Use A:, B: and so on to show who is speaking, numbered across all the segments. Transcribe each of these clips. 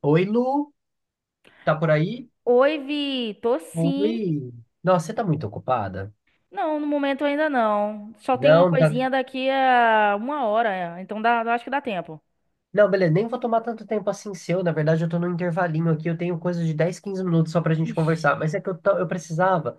A: Oi, Lu, tá por aí?
B: Oi, Vi, tô sim.
A: Oi. Nossa, você tá muito ocupada?
B: Não, no momento ainda não. Só tem uma
A: Não, não tá...
B: coisinha daqui a uma hora, então dá, eu acho que dá tempo.
A: Não, beleza, nem vou tomar tanto tempo assim seu. Na verdade, eu tô num intervalinho aqui, eu tenho coisa de 10, 15 minutos só pra gente
B: Ixi.
A: conversar. Mas é que eu precisava.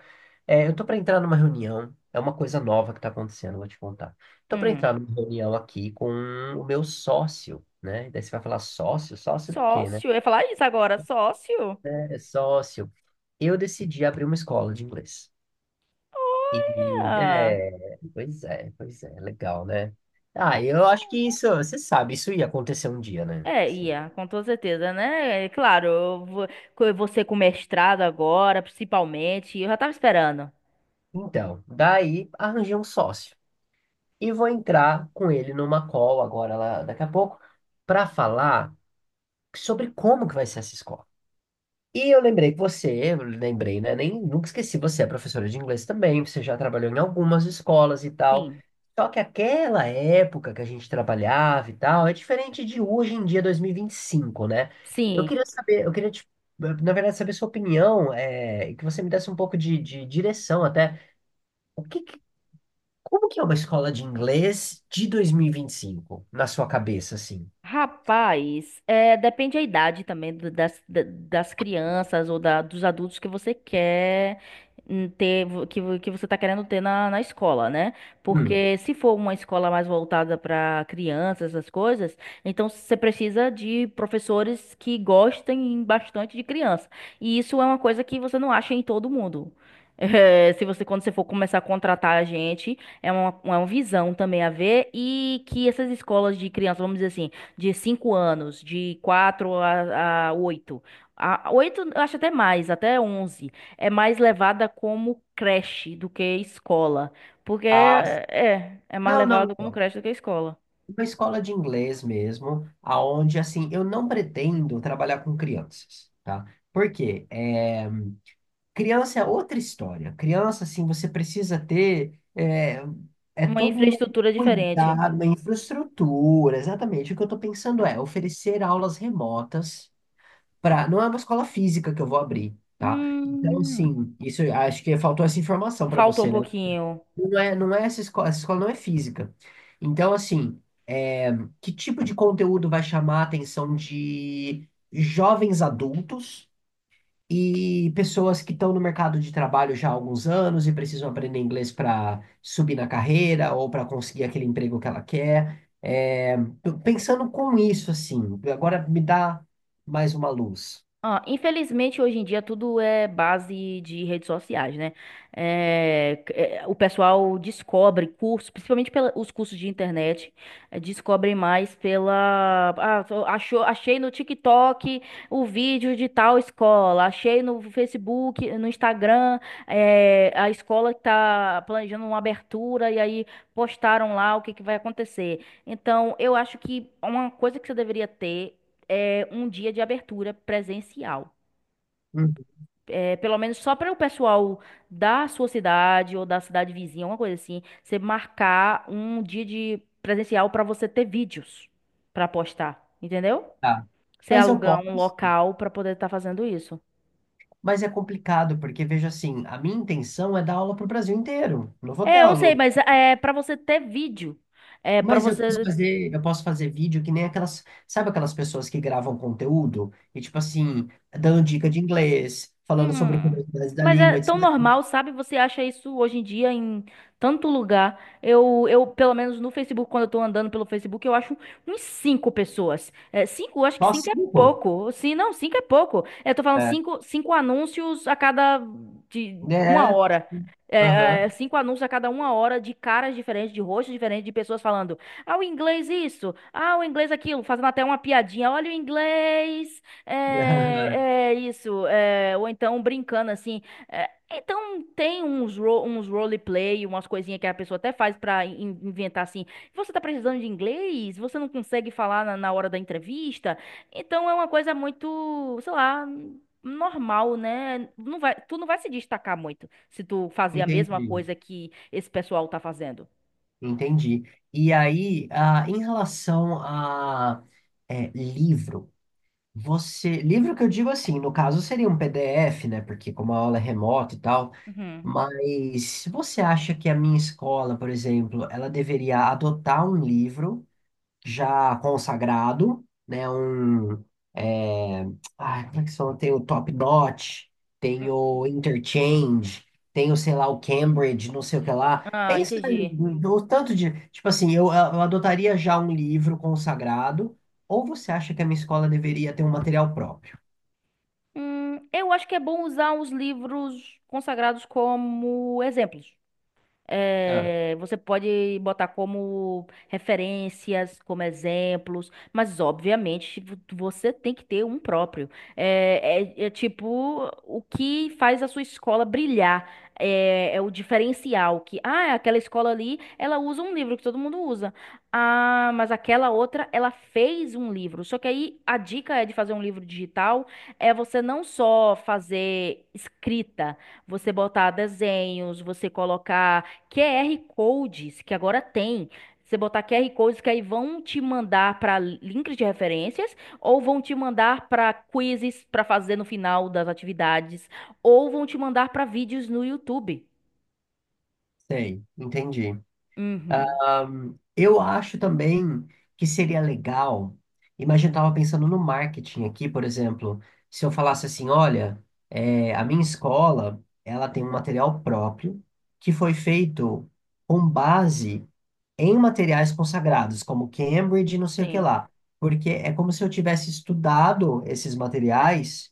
A: Eu tô pra entrar numa reunião, é uma coisa nova que tá acontecendo, vou te contar. Tô pra
B: Hum.
A: entrar numa reunião aqui com o meu sócio, né? Daí você vai falar sócio? Sócio do quê, né?
B: Sócio? Eu ia falar isso agora, sócio?
A: É sócio. Eu decidi abrir uma escola de inglês.
B: Olha!
A: Pois é, legal, né? Ah, eu acho que isso, você sabe, isso ia acontecer um dia, né?
B: É,
A: Sim.
B: ia, com toda certeza, né? É claro, você com mestrado agora, principalmente, eu já tava esperando.
A: Então, daí arranjei um sócio e vou entrar com ele numa call agora, lá, daqui a pouco, para falar sobre como que vai ser essa escola. E eu lembrei que você, eu lembrei, né? Nem, nunca esqueci, você é professora de inglês também, você já trabalhou em algumas escolas e tal.
B: Sim,
A: Só que aquela época que a gente trabalhava e tal, é diferente de hoje em dia, dois mil e vinte e cinco, né? Eu
B: sim.
A: queria saber, eu queria, te, Na verdade, saber sua opinião, é, e que você me desse um pouco de direção até. O que, que- Como que é uma escola de inglês de dois mil e vinte e cinco na sua cabeça, assim?
B: Rapaz, é, depende a idade também das crianças ou dos adultos que você quer, ter, que você tá querendo ter na escola, né?
A: Hum.
B: Porque se for uma escola mais voltada para crianças, essas coisas, então você precisa de professores que gostem bastante de criança. E isso é uma coisa que você não acha em todo mundo. É, se você, quando você for começar a contratar a gente, é uma visão também a ver e que essas escolas de criança, vamos dizer assim, de 5 anos, de 4 a 8. A 8 eu acho até mais, até 11. É mais levada como creche do que escola. Porque
A: Ah,
B: é mais levada como
A: não.
B: creche do que escola.
A: Uma escola de inglês mesmo, aonde assim, eu não pretendo trabalhar com crianças, tá? Por quê? É, criança é outra história. Criança, assim, você precisa ter é
B: Uma
A: todo um
B: infraestrutura diferente.
A: cuidado, uma infraestrutura. Exatamente. O que eu estou pensando é oferecer aulas remotas para. Não é uma escola física que eu vou abrir, tá? Então,
B: Hum,
A: assim, isso eu acho que faltou essa informação para
B: Faltou um
A: você, né?
B: pouquinho.
A: Não é essa escola não é física. Então, assim, é, que tipo de conteúdo vai chamar a atenção de jovens adultos e pessoas que estão no mercado de trabalho já há alguns anos e precisam aprender inglês para subir na carreira ou para conseguir aquele emprego que ela quer? É, tô pensando com isso, assim, agora me dá mais uma luz.
B: Ah, infelizmente, hoje em dia tudo é base de redes sociais, né? É, o pessoal descobre cursos, principalmente pela, os cursos de internet, descobrem mais pela. Ah, achei no TikTok o vídeo de tal escola, achei no Facebook, no Instagram, a escola que tá planejando uma abertura e aí postaram lá o que que vai acontecer. Então, eu acho que uma coisa que você deveria ter um dia de abertura presencial.
A: Hum,
B: É, pelo menos só para o pessoal da sua cidade ou da cidade vizinha, uma coisa assim, você marcar um dia de presencial para você ter vídeos para postar, entendeu?
A: tá.
B: Você
A: Mas eu
B: alugar
A: posso.
B: um local para poder estar fazendo isso.
A: Mas é complicado, porque veja assim, a minha intenção é dar aula para o Brasil inteiro. Não vou ter
B: É, eu
A: aula.
B: sei, mas é para você ter vídeo. É para
A: Mas
B: você.
A: eu posso fazer vídeo que nem aquelas, sabe aquelas pessoas que gravam conteúdo e tipo assim, dando dica de inglês, falando sobre
B: Hum.
A: curiosidades da
B: Mas é
A: língua,
B: tão
A: etc.
B: normal, sabe? Você acha isso hoje em dia em tanto lugar. Pelo menos no Facebook, quando eu tô andando pelo Facebook, eu acho uns cinco pessoas. É, cinco, eu acho que
A: Só
B: cinco é
A: cinco.
B: pouco. Sim, não, cinco é pouco. É, eu tô falando
A: É.
B: cinco, cinco anúncios a cada de
A: É.
B: uma
A: é.
B: hora. É, é,
A: Aham.
B: cinco anúncios a cada uma hora de caras diferentes, de rostos diferentes, de pessoas falando. Ah, o inglês isso. Ah, o inglês aquilo. Fazendo até uma piadinha. Olha o inglês. É, é isso, ou então brincando assim. Então tem uns roleplay, umas coisinhas que a pessoa até faz pra inventar assim. Você tá precisando de inglês? Você não consegue falar na hora da entrevista? Então é uma coisa muito, sei lá, normal, né? Tu não vai se destacar muito se tu fazer a mesma
A: Entendi.
B: coisa que esse pessoal tá fazendo.
A: Entendi. E aí, ah, em relação a livro. Livro que eu digo assim, no caso seria um PDF, né? Porque como a aula é remota e tal,
B: Uhum.
A: mas se você acha que a minha escola, por exemplo, ela deveria adotar um livro já consagrado, né? É, Como é que são? Tem o Top Notch, tem o
B: Uhum.
A: Interchange, tem o, sei lá, o Cambridge, não sei o que lá.
B: Ah, entendi.
A: No tanto de. Tipo assim, eu adotaria já um livro consagrado, ou você acha que a minha escola deveria ter um material próprio?
B: Eu acho que é bom usar os livros consagrados como exemplos.
A: Ah,
B: É, você pode botar como referências, como exemplos, mas obviamente você tem que ter um próprio. É tipo o que faz a sua escola brilhar. É o diferencial que, ah, aquela escola ali, ela usa um livro que todo mundo usa. Ah, mas aquela outra, ela fez um livro. Só que aí a dica é de fazer um livro digital, é você não só fazer escrita, você botar desenhos, você colocar QR codes que agora tem. Você botar QR codes que aí vão te mandar para links de referências ou vão te mandar para quizzes para fazer no final das atividades ou vão te mandar para vídeos no YouTube.
A: sei, entendi.
B: Uhum.
A: Eu acho também que seria legal. Imagina, eu estava pensando no marketing aqui, por exemplo, se eu falasse assim, olha, é, a minha escola, ela tem um material próprio que foi feito com base em materiais consagrados, como Cambridge, e não sei o que
B: Sim.
A: lá, porque é como se eu tivesse estudado esses materiais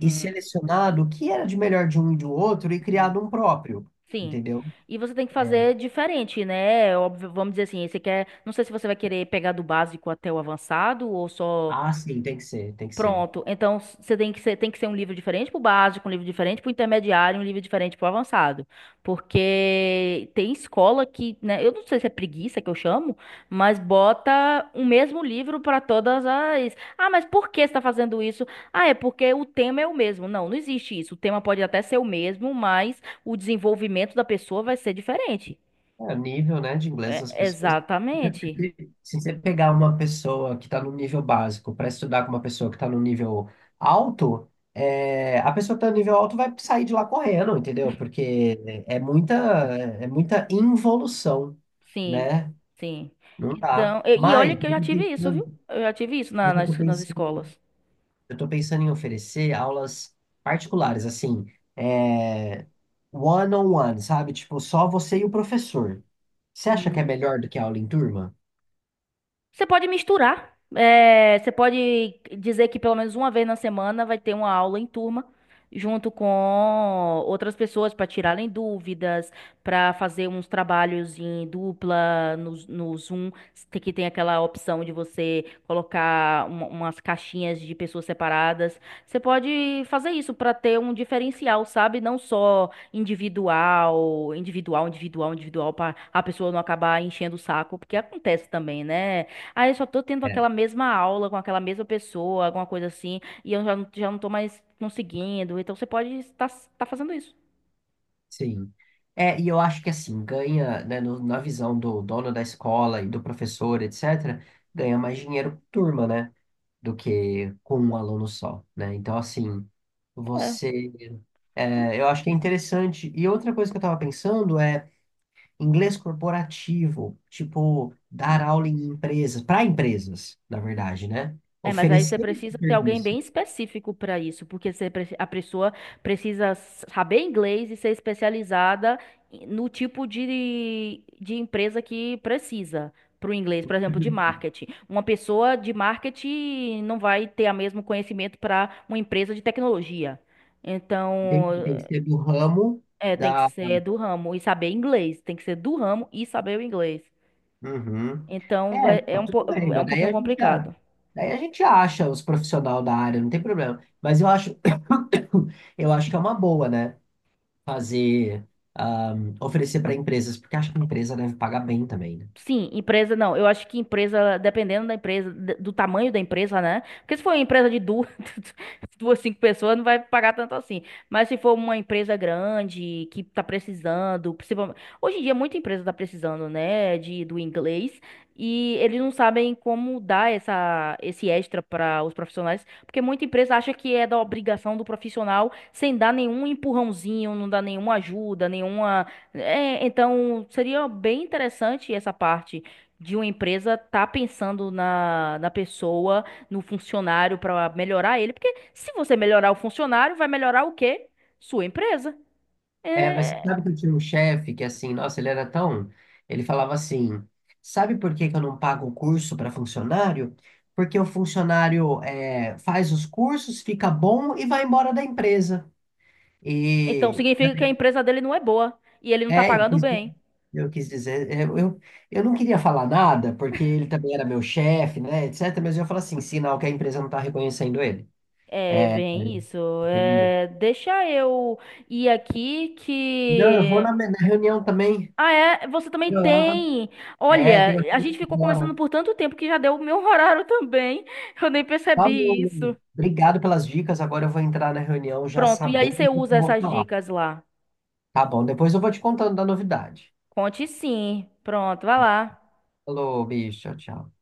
A: e selecionado o que era de melhor de um e do outro e
B: Uhum.
A: criado um próprio,
B: Sim.
A: entendeu?
B: E você tem que fazer diferente, né? Óbvio, vamos dizer assim, você quer, não sei se você vai querer pegar do básico até o avançado ou só.
A: Ah, sim, tem que ser.
B: Pronto. Então, você tem que ser um livro diferente para o básico, um livro diferente para o intermediário, um livro diferente para o avançado. Porque tem escola que, né, eu não sei se é preguiça que eu chamo, mas bota o mesmo livro para todas as. Ah, mas por que você está fazendo isso? Ah, é porque o tema é o mesmo. Não, não existe isso. O tema pode até ser o mesmo, mas o desenvolvimento da pessoa vai ser diferente.
A: É, o nível, né, de inglês das
B: É,
A: pessoas.
B: exatamente.
A: Se Se você pegar uma pessoa que está no nível básico para estudar com uma pessoa que está no nível alto, é, a pessoa que está no nível alto vai sair de lá correndo, entendeu? Porque é muita involução,
B: Sim,
A: né?
B: sim.
A: Não dá.
B: Então, e olha que eu já tive isso, viu? Eu já tive isso na-
A: Mas eu tô
B: nas, nas
A: pensando,
B: escolas.
A: eu tô pensando em oferecer aulas particulares, assim, é, one-on-one, sabe? Tipo, só você e o professor. Você acha que é
B: Hum.
A: melhor do que aula em turma?
B: Você pode misturar. É, você pode dizer que pelo menos uma vez na semana vai ter uma aula em turma, junto com outras pessoas para tirarem dúvidas, para fazer uns trabalhos em dupla no Zoom, que tem aquela opção de você colocar umas caixinhas de pessoas separadas. Você pode fazer isso para ter um diferencial, sabe? Não só individual, individual, individual, individual, para a pessoa não acabar enchendo o saco, porque acontece também, né? Aí eu só tô tendo
A: É,
B: aquela mesma aula com aquela mesma pessoa, alguma coisa assim, e eu já, já não tô mais conseguindo. Então você pode estar tá fazendo isso.
A: sim. É, e eu acho que assim, ganha, né, na visão do dono da escola e do professor, etc., ganha mais dinheiro por turma, né, do que com um aluno só, né? Então, assim,
B: É.
A: você. É, eu acho que é interessante. E outra coisa que eu estava pensando é inglês corporativo, tipo, dar
B: Hum.
A: aula em empresas, para empresas, na verdade, né?
B: É, mas aí você
A: Oferecer esse
B: precisa ter alguém
A: serviço.
B: bem específico para isso, porque a pessoa precisa saber inglês e ser especializada no tipo de empresa que precisa para o inglês, por exemplo, de marketing. Uma pessoa de marketing não vai ter o mesmo conhecimento para uma empresa de tecnologia. Então,
A: Tem que ser do ramo.
B: Tem que
A: Da
B: ser do ramo e saber inglês. Tem que ser do ramo e saber o inglês.
A: Uhum.
B: Então,
A: É,
B: vai,
A: não, tudo bem,
B: é um pouquinho complicado.
A: daí a gente acha os profissionais da área, não tem problema. Mas eu acho, eu acho que é uma boa, né? Fazer, oferecer para empresas, porque acho que a empresa deve pagar bem também, né?
B: Sim, empresa não. Eu acho que empresa, dependendo da empresa, do tamanho da empresa, né? Porque se for uma empresa de duas, duas, cinco pessoas, não vai pagar tanto assim. Mas se for uma empresa grande que tá precisando, principalmente. Hoje em dia, muita empresa tá precisando, né, do inglês. E eles não sabem como dar esse extra para os profissionais, porque muita empresa acha que é da obrigação do profissional, sem dar nenhum empurrãozinho, não dá nenhuma ajuda, nenhuma. É, então seria bem interessante essa parte de uma empresa estar pensando na pessoa, no funcionário para melhorar ele, porque se você melhorar o funcionário, vai melhorar o quê? Sua empresa.
A: É, mas você
B: É,
A: sabe que eu tinha um chefe que assim, nossa, ele era tão, ele falava assim, sabe por que que eu não pago o curso para funcionário? Porque o funcionário faz os cursos, fica bom e vai embora da empresa.
B: então
A: E
B: significa que a empresa dele não é boa e ele não tá
A: É, eu
B: pagando
A: quis
B: bem.
A: eu quis dizer, eu não queria falar nada, porque ele também era meu chefe, né, etc. Mas eu falo assim, sinal que a empresa não está reconhecendo ele.
B: É
A: Aí,
B: bem isso.
A: entendeu?
B: É, deixa eu ir aqui
A: Não, eu vou
B: que.
A: na reunião também.
B: Ah, é? Você também
A: Vou lá.
B: tem.
A: É, tenho
B: Olha,
A: que
B: a
A: ir
B: gente ficou conversando
A: agora.
B: por tanto tempo que já deu o meu horário também. Eu nem
A: Falou,
B: percebi isso.
A: Lu. Obrigado pelas dicas. Agora eu vou entrar na reunião já
B: Pronto, e aí
A: sabendo
B: você
A: o que eu
B: usa
A: vou
B: essas
A: falar.
B: dicas lá.
A: Tá bom, depois eu vou te contando da novidade.
B: Conte sim. Pronto, vai lá.
A: Falou, bicho, tchau, tchau.